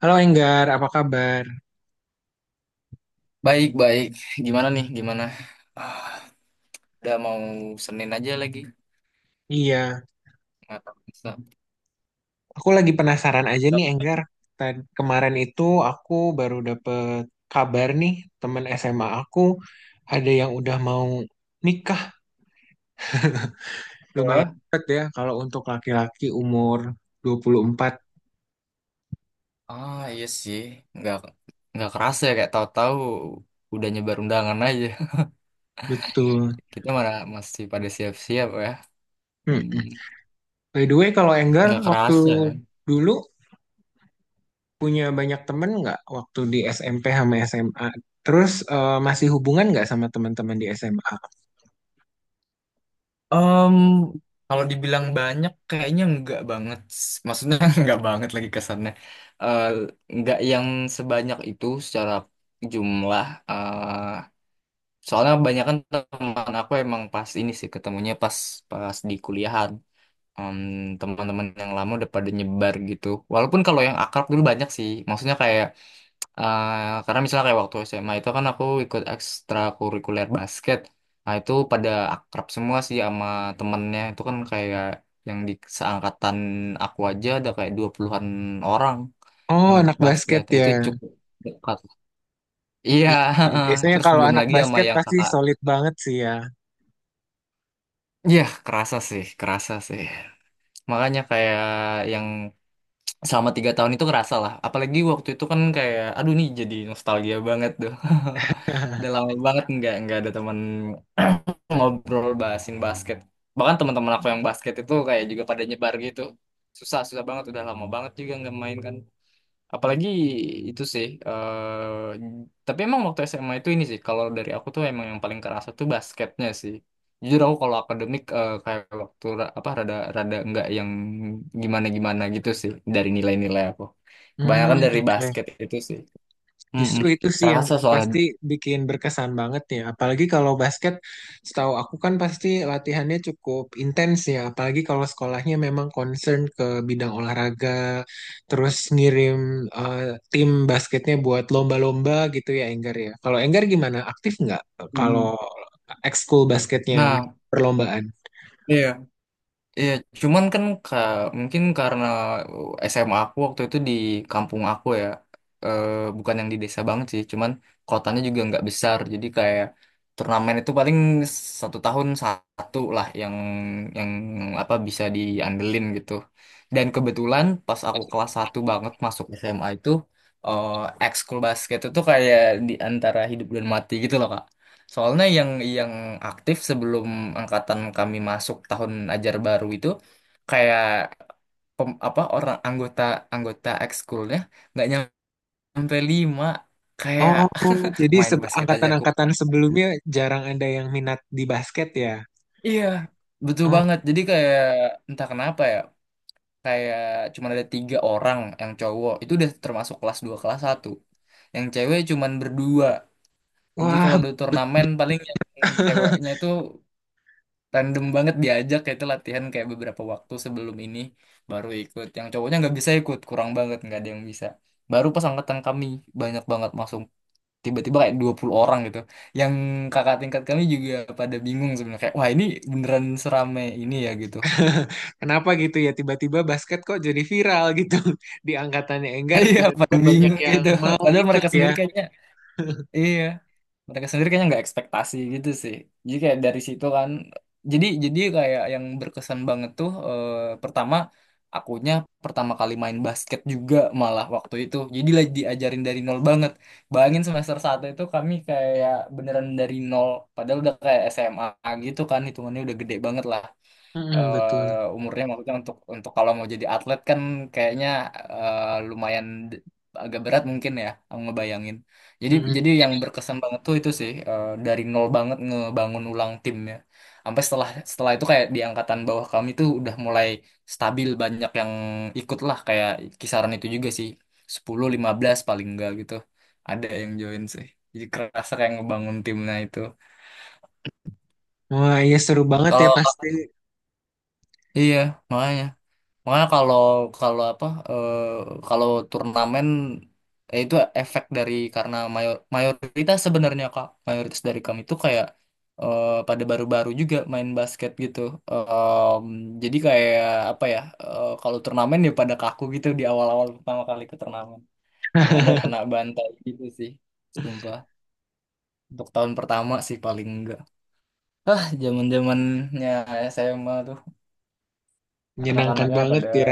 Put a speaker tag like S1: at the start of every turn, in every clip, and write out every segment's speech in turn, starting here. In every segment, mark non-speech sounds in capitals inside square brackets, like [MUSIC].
S1: Halo Enggar, apa kabar?
S2: Baik, baik. Gimana nih? Gimana? Ah, udah mau Senin aja lagi.
S1: Iya,
S2: Nggak kerasa.
S1: aku lagi penasaran aja nih Enggar. Kemarin itu aku baru dapet kabar nih, temen SMA aku ada yang udah mau nikah. Lumayan
S2: Wah,
S1: cepet ya kalau untuk laki-laki umur 24.
S2: Ah, iya sih. Nggak, nggak kerasa ya. Kayak tahu-tahu udah nyebar undangan aja. [LAUGHS]
S1: Betul.
S2: Kita mana masih pada siap-siap ya. Hmm,
S1: Mm-mm. By the way, kalau Enggar
S2: nggak
S1: waktu
S2: kerasa ya.
S1: dulu punya banyak temen nggak waktu di SMP sama SMA? Terus masih hubungan nggak sama teman-teman di SMA?
S2: Em, kalau dibilang banyak, kayaknya nggak banget. Maksudnya [LAUGHS] nggak banget lagi kesannya. Eh, nggak yang sebanyak itu secara jumlah. Soalnya kebanyakan teman aku emang pas ini sih ketemunya pas pas di kuliahan. Em, teman-teman yang lama udah pada nyebar gitu. Walaupun kalau yang akrab dulu banyak sih. Maksudnya kayak karena misalnya kayak waktu SMA itu kan aku ikut ekstrakurikuler basket. Nah, itu pada akrab semua sih sama temennya. Itu kan kayak yang di seangkatan aku aja ada kayak 20-an orang
S1: Oh,
S2: yang ikut
S1: anak
S2: basket.
S1: basket
S2: Nah, itu
S1: ya.
S2: cukup dekat. Iya,
S1: Iya,
S2: [LAUGHS]
S1: biasanya
S2: terus
S1: kalau
S2: belum
S1: anak
S2: lagi sama
S1: basket
S2: yang
S1: pasti
S2: kakak.
S1: solid banget sih ya.
S2: Iya, kerasa sih, kerasa sih. Makanya kayak yang selama 3 tahun itu kerasa lah. Apalagi waktu itu kan kayak, aduh nih jadi nostalgia banget tuh. [LAUGHS] Udah lama banget nggak ada teman ngobrol bahasin basket. Bahkan teman-teman aku yang basket itu kayak juga pada nyebar gitu. Susah, susah banget. Udah lama banget juga nggak main kan. Apalagi itu sih. Tapi emang waktu SMA itu ini sih. Kalau dari aku tuh emang yang paling kerasa tuh basketnya sih. Jujur aku kalau akademik kayak waktu apa rada rada nggak yang gimana gimana gitu sih dari nilai-nilai aku. Kebanyakan
S1: Hmm,
S2: dari
S1: oke.
S2: basket itu sih. Mm-mm.
S1: Justru itu sih yang
S2: Kerasa soalnya.
S1: pasti bikin berkesan banget ya. Apalagi kalau basket, setahu aku kan pasti latihannya cukup intens ya. Apalagi kalau sekolahnya memang concern ke bidang olahraga, terus ngirim eh, tim basketnya buat lomba-lomba gitu ya, Enggar ya. Kalau Enggar gimana? Aktif nggak
S2: Mm.
S1: kalau ekskul basketnya
S2: Nah,
S1: perlombaan?
S2: iya. Iya, cuman kan mungkin karena SMA aku waktu itu di kampung aku ya, eh, bukan yang di desa banget sih, cuman kotanya juga nggak besar, jadi kayak turnamen itu paling satu tahun satu lah yang yang apa bisa diandelin gitu. Dan kebetulan pas aku kelas satu banget masuk SMA itu, eh ekskul basket itu kayak di antara hidup dan mati gitu loh. Soalnya yang yang aktif sebelum angkatan kami masuk tahun ajar baru itu kayak apa orang anggota anggota ekskulnya nggak nyampe lima, kayak
S1: Oh, jadi
S2: [LAUGHS] main basket aja aku.
S1: angkatan-angkatan sebelumnya jarang ada yang minat di basket ya?
S2: Iya, betul
S1: Oh,
S2: banget. Jadi kayak entah kenapa ya, kayak cuma ada tiga orang yang cowok itu udah termasuk kelas 2 kelas satu. Yang cewek cuman berdua. Jadi kalau
S1: wah,
S2: ada turnamen paling yang ceweknya itu random banget diajak kayak itu latihan kayak beberapa waktu sebelum ini baru ikut, yang cowoknya nggak bisa ikut, kurang banget, nggak ada yang bisa. Baru pas angkatan kami banyak banget masuk, tiba-tiba kayak 20 orang gitu, yang kakak tingkat kami juga pada bingung sebenarnya kayak wah ini beneran seramai ini ya gitu.
S1: [LAUGHS] kenapa gitu ya? Tiba-tiba basket kok jadi viral gitu [LAUGHS] di angkatannya
S2: [LAUGHS]
S1: Enggar.
S2: Iya
S1: Tiba-tiba
S2: pada
S1: banyak
S2: bingung
S1: yang
S2: gitu,
S1: mau
S2: padahal
S1: ikut
S2: mereka
S1: ya.
S2: sendiri kayaknya, iya, mereka sendiri kayaknya nggak ekspektasi gitu sih. Jadi kayak dari situ kan jadi kayak yang berkesan banget tuh pertama akunya pertama kali main basket juga, malah waktu itu jadi lagi diajarin dari nol banget. Bayangin semester satu itu kami kayak beneran dari nol, padahal udah kayak SMA gitu kan, hitungannya udah gede banget lah.
S1: Mm-mm, betul.
S2: Umurnya maksudnya untuk kalau mau jadi atlet kan kayaknya eh, lumayan d- agak berat mungkin ya aku ngebayangin. Jadi
S1: Mm-mm.
S2: jadi yang berkesan banget tuh itu sih, dari nol banget ngebangun ulang timnya. Sampai setelah setelah itu kayak di angkatan bawah kami tuh udah mulai stabil, banyak yang ikut lah kayak kisaran itu juga sih, 10 15 paling enggak gitu. Ada yang join sih. Jadi kerasa kayak ngebangun timnya itu.
S1: Wah, iya seru banget ya
S2: Kalau
S1: pasti.
S2: iya, Makanya Makanya kalau kalau apa kalau turnamen ya itu efek dari, karena mayoritas sebenarnya Kak, mayoritas dari kami itu kayak pada baru-baru juga main basket gitu. Em, jadi kayak apa ya, kalau turnamen ya pada kaku gitu di awal-awal pertama kali ke turnamen. Ya ada kena
S1: [LAUGHS]
S2: bantai gitu sih. Sumpah. Untuk tahun pertama sih paling enggak. Ah, zaman-zamannya SMA tuh
S1: Menyenangkan
S2: anak-anaknya
S1: banget
S2: pada,
S1: ya.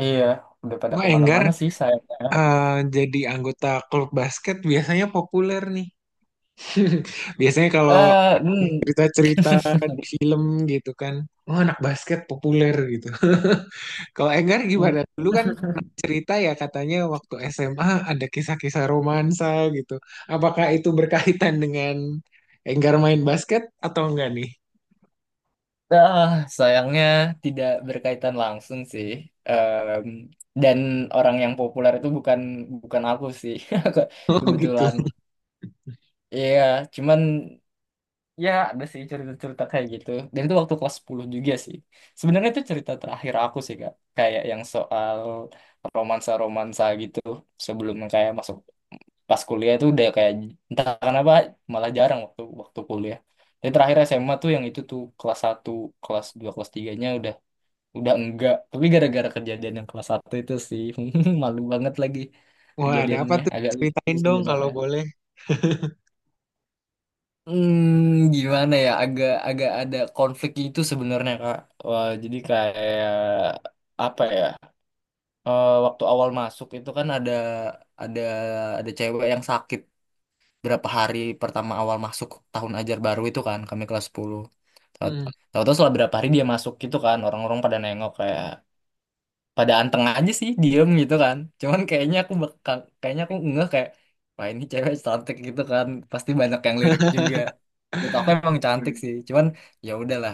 S2: iya, udah pada
S1: Wah, Enggar
S2: kemana-mana sih sayangnya.
S1: eh, jadi anggota klub basket biasanya populer nih. [LAUGHS] Biasanya kalau
S2: Hmm,
S1: cerita-cerita di film gitu kan. Oh, anak basket populer gitu. [LAUGHS] Kalau Enggar
S2: hmm.
S1: gimana? Dulu kan pernah cerita ya katanya waktu SMA ada kisah-kisah romansa gitu. Apakah itu berkaitan dengan Enggar main basket atau enggak nih? [LAUGHS]
S2: Ah, sayangnya tidak berkaitan langsung sih. Em, dan orang yang populer itu bukan bukan aku sih, [LAUGHS] Aku-
S1: Oh gitu.
S2: kebetulan. Iya, cuman ya ada sih cerita-cerita kayak gitu. Dan itu waktu kelas 10 juga sih. Sebenarnya itu cerita terakhir aku sih, Kak. Kayak yang soal romansa-romansa gitu sebelum kayak masuk pas kuliah itu udah kayak entah kenapa malah jarang waktu waktu kuliah. Tapi terakhir SMA tuh yang itu tuh kelas satu, kelas 2, kelas tiganya udah enggak. Tapi gara-gara kejadian yang kelas satu itu sih, [LAUGHS] malu banget lagi.
S1: Wah, ada apa
S2: Kejadiannya
S1: tuh?
S2: agak lucu
S1: Ceritain dong kalau
S2: sebenarnya.
S1: boleh. [LAUGHS]
S2: Gimana ya? Agak agak ada konflik itu sebenarnya Kak. Wah, jadi kayak apa ya? Waktu awal masuk itu kan ada ada ada cewek yang sakit berapa hari pertama awal masuk tahun ajar baru itu kan, kami kelas 10. Tahu-
S1: Hmm,
S2: Tahu-tahu setelah berapa hari dia masuk gitu kan, orang-orang pada nengok kayak pada anteng aja sih diem gitu kan. Cuman kayaknya aku ngeh kayak wah ini cewek cantik gitu kan, pasti banyak yang lirik juga. Menurut aku emang cantik
S1: oke.
S2: sih, cuman ya udahlah.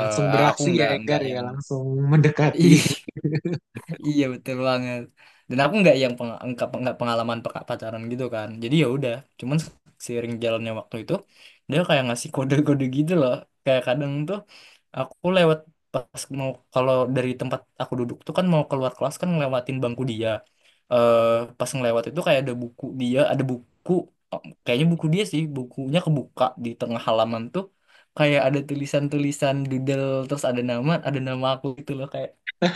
S1: Langsung
S2: Aku
S1: beraksi ya
S2: nggak
S1: Enggar ya,
S2: yang
S1: langsung
S2: [LAUGHS]
S1: mendekati.
S2: ih. Iya, betul banget. Dan aku nggak yang nggak pengalaman pacaran gitu kan. Jadi ya udah, cuman seiring jalannya waktu itu dia kayak ngasih kode-kode gitu loh. Kayak kadang tuh aku lewat pas mau, kalau dari tempat aku duduk tuh kan mau keluar kelas kan ngelewatin bangku dia. Eh pas ngelewat itu kayak ada buku dia, ada buku, oh, kayaknya buku dia sih, bukunya kebuka di tengah halaman tuh, kayak ada tulisan-tulisan doodle terus ada nama aku gitu loh.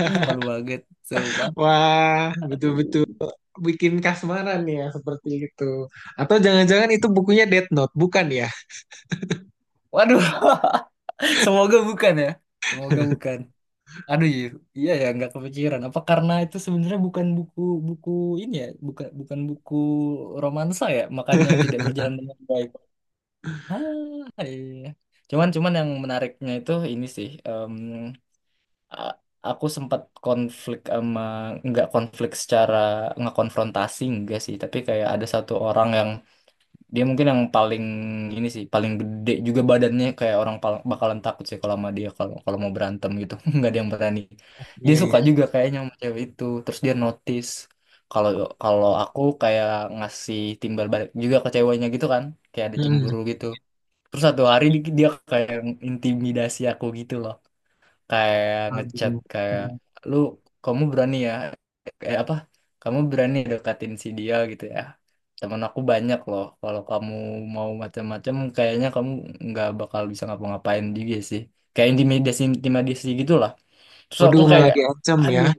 S2: Ih, malu banget. Sumpah.
S1: [LAUGHS] Wah, betul-betul
S2: Aduh.
S1: bikin kasmaran ya seperti itu. Atau jangan-jangan itu bukunya Death Note, bukan ya?
S2: Waduh. [LAUGHS] Semoga bukan ya. Semoga bukan. Aduh, iya, iya ya, nggak kepikiran. Apa karena itu sebenarnya bukan buku, buku ini ya, bukan bukan buku romansa ya, makanya tidak
S1: [LAUGHS]
S2: berjalan dengan baik. Ah, iya. Cuman Cuman yang menariknya itu ini sih. A- aku sempat konflik sama, nggak konflik secara, nggak konfrontasi enggak sih, tapi kayak ada satu orang yang dia mungkin yang paling ini sih, paling gede juga badannya, kayak orang bakalan takut sih kalau sama dia kalau kalau mau berantem gitu. [LAUGHS] Nggak ada yang berani. Dia
S1: Iya
S2: suka
S1: ya.
S2: juga kayaknya sama cewek itu. Terus dia notice kalau kalau aku kayak ngasih timbal balik juga ke ceweknya gitu kan, kayak ada
S1: Hmm.
S2: cemburu gitu. Terus satu hari dia kayak intimidasi aku gitu loh, kayak ngechat
S1: Aduh.
S2: kayak
S1: Hmm.
S2: lu kamu berani ya, apa kamu berani deketin si dia gitu ya, temen aku banyak loh, kalau kamu mau macam-macam kayaknya kamu nggak bakal bisa ngapa-ngapain juga sih, kayak intimidasi intimidasi gitu lah. Terus aku
S1: Waduh, malah
S2: kayak
S1: diancam ya.
S2: aduh,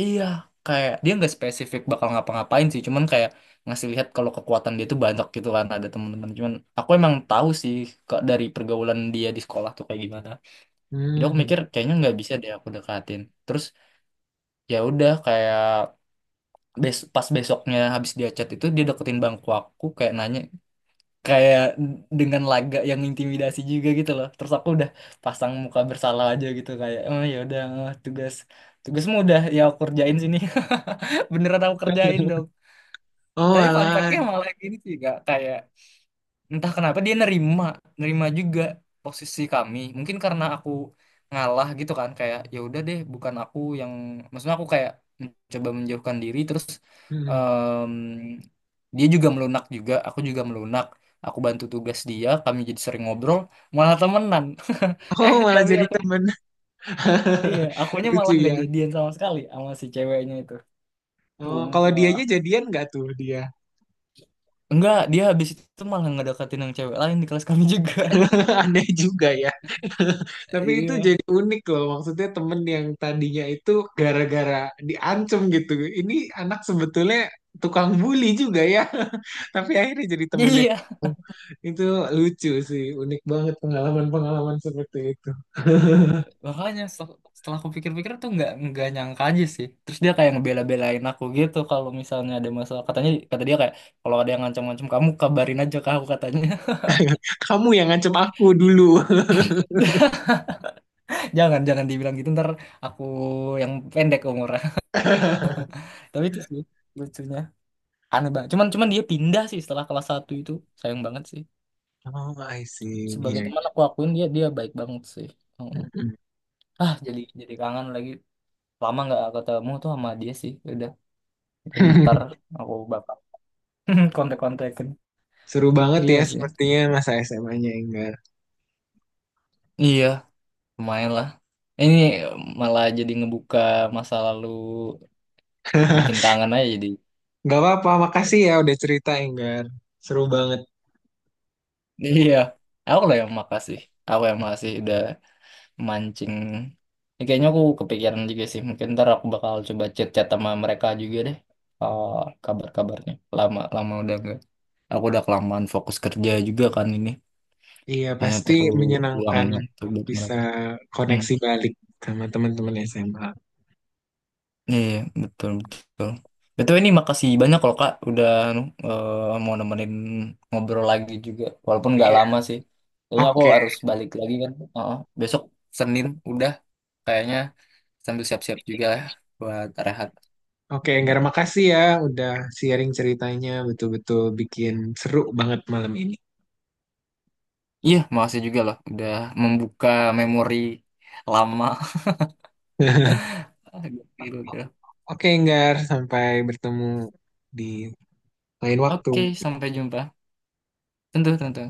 S2: iya, kayak dia nggak spesifik bakal ngapa-ngapain sih cuman kayak ngasih lihat kalau kekuatan dia tuh banyak gitu kan ada temen-temen. Cuman aku emang tahu sih kok dari pergaulan dia di sekolah tuh kayak gimana, jadi aku
S1: Hmm.
S2: mikir kayaknya nggak bisa deh aku dekatin. Terus ya udah kayak, pas besoknya habis dia chat itu, dia deketin bangku aku kayak nanya kayak dengan laga yang intimidasi juga gitu loh. Terus aku udah pasang muka bersalah aja gitu kayak oh ya udah, tugasmu udah ya aku kerjain sini. [LAUGHS] Beneran aku kerjain dong.
S1: Oh,
S2: Tapi fun
S1: malah.
S2: fact-nya malah gini sih Kak, kayak entah kenapa dia nerima, nerima juga posisi kami, mungkin karena aku ngalah gitu kan, kayak ya udah deh bukan aku yang, maksudnya aku kayak mencoba menjauhkan diri terus.
S1: Hmm.
S2: em, Dia juga melunak juga, aku juga melunak, aku bantu tugas dia, kami jadi sering ngobrol, malah temenan. [LAUGHS]
S1: Oh, malah
S2: Tapi
S1: jadi
S2: aku,
S1: temen.
S2: iya,
S1: [LAUGHS]
S2: akunya
S1: Lucu
S2: malah nggak
S1: ya.
S2: jadian sama sekali sama si ceweknya itu.
S1: Oh, kalau
S2: Sumpah.
S1: dianya jadian nggak tuh dia?
S2: Enggak, dia habis itu malah ngedeketin yang cewek lain di kelas kami juga.
S1: [LAUGHS] Aneh juga ya. [LAUGHS]
S2: [LAUGHS]
S1: Tapi itu
S2: Iya,
S1: jadi unik loh, maksudnya temen yang tadinya itu gara-gara diancem gitu. Ini anak sebetulnya tukang bully juga ya, [LAUGHS] tapi akhirnya jadi temennya.
S2: iya,
S1: Itu lucu sih, unik banget pengalaman-pengalaman seperti itu.
S2: makanya setelah aku pikir-pikir tuh nggak nyangka aja sih. Terus dia kayak ngebela-belain aku gitu kalau misalnya ada masalah, katanya, kata dia kayak kalau ada yang ngancam-ngancam kamu kabarin aja ke aku, katanya.
S1: Kamu yang ngancem aku dulu.
S2: [LAUGHS] Jangan jangan dibilang gitu ntar aku yang pendek umurnya.
S1: [LAUGHS]
S2: [LAUGHS] Tapi itu sih lucunya, aneh banget. Cuman Cuman dia pindah sih setelah kelas satu itu, sayang banget sih.
S1: Oh, I see.
S2: Sebagai
S1: Iya.
S2: teman aku akuin dia, dia baik banget sih. Heeh.
S1: Mm-mm.
S2: Ah, jadi kangen lagi. Lama nggak ketemu tuh sama dia sih, udah. Mungkin ntar
S1: [LAUGHS]
S2: aku bakal [LAUGHS] kontak-kontakin.
S1: Seru banget ya
S2: Iya sih.
S1: sepertinya masa SMA-nya Enggar.
S2: Iya, lumayan lah. Ini malah jadi ngebuka masa lalu, bikin
S1: [LAUGHS]
S2: kangen aja jadi.
S1: Gak apa-apa, makasih ya udah cerita Enggar. Seru banget.
S2: Iya, aku lah yang makasih. Aku yang makasih udah mancing. Ya, kayaknya aku kepikiran juga sih. Mungkin ntar aku bakal coba chat-chat sama mereka juga deh. Eh, kabar-kabarnya. Lama lama udah nggak. Aku udah kelamaan fokus kerja juga kan ini.
S1: Iya,
S2: Hanya
S1: pasti
S2: perlu luang
S1: menyenangkan
S2: waktu buat
S1: bisa
S2: mereka. Hmm.
S1: koneksi balik sama teman-teman SMA.
S2: Iya, iya, betul, betul. Betul, ini makasih banyak loh Kak udah anu, mau nemenin ngobrol lagi juga. Walaupun nggak
S1: Iya,
S2: lama sih. Kayaknya aku
S1: oke.
S2: harus balik lagi kan. Heeh. Besok Senin udah kayaknya, sambil siap-siap juga lah buat rehat.
S1: Oke, Enggak,
S2: Mm-mm.
S1: makasih ya udah sharing ceritanya. Betul-betul bikin seru banget malam ini.
S2: Iya, makasih juga loh udah membuka memori lama.
S1: [LAUGHS]
S2: [LAUGHS] Gitu.
S1: Oke, Enggar, sampai bertemu di lain waktu.
S2: Oke, sampai jumpa. Tentu, tentu.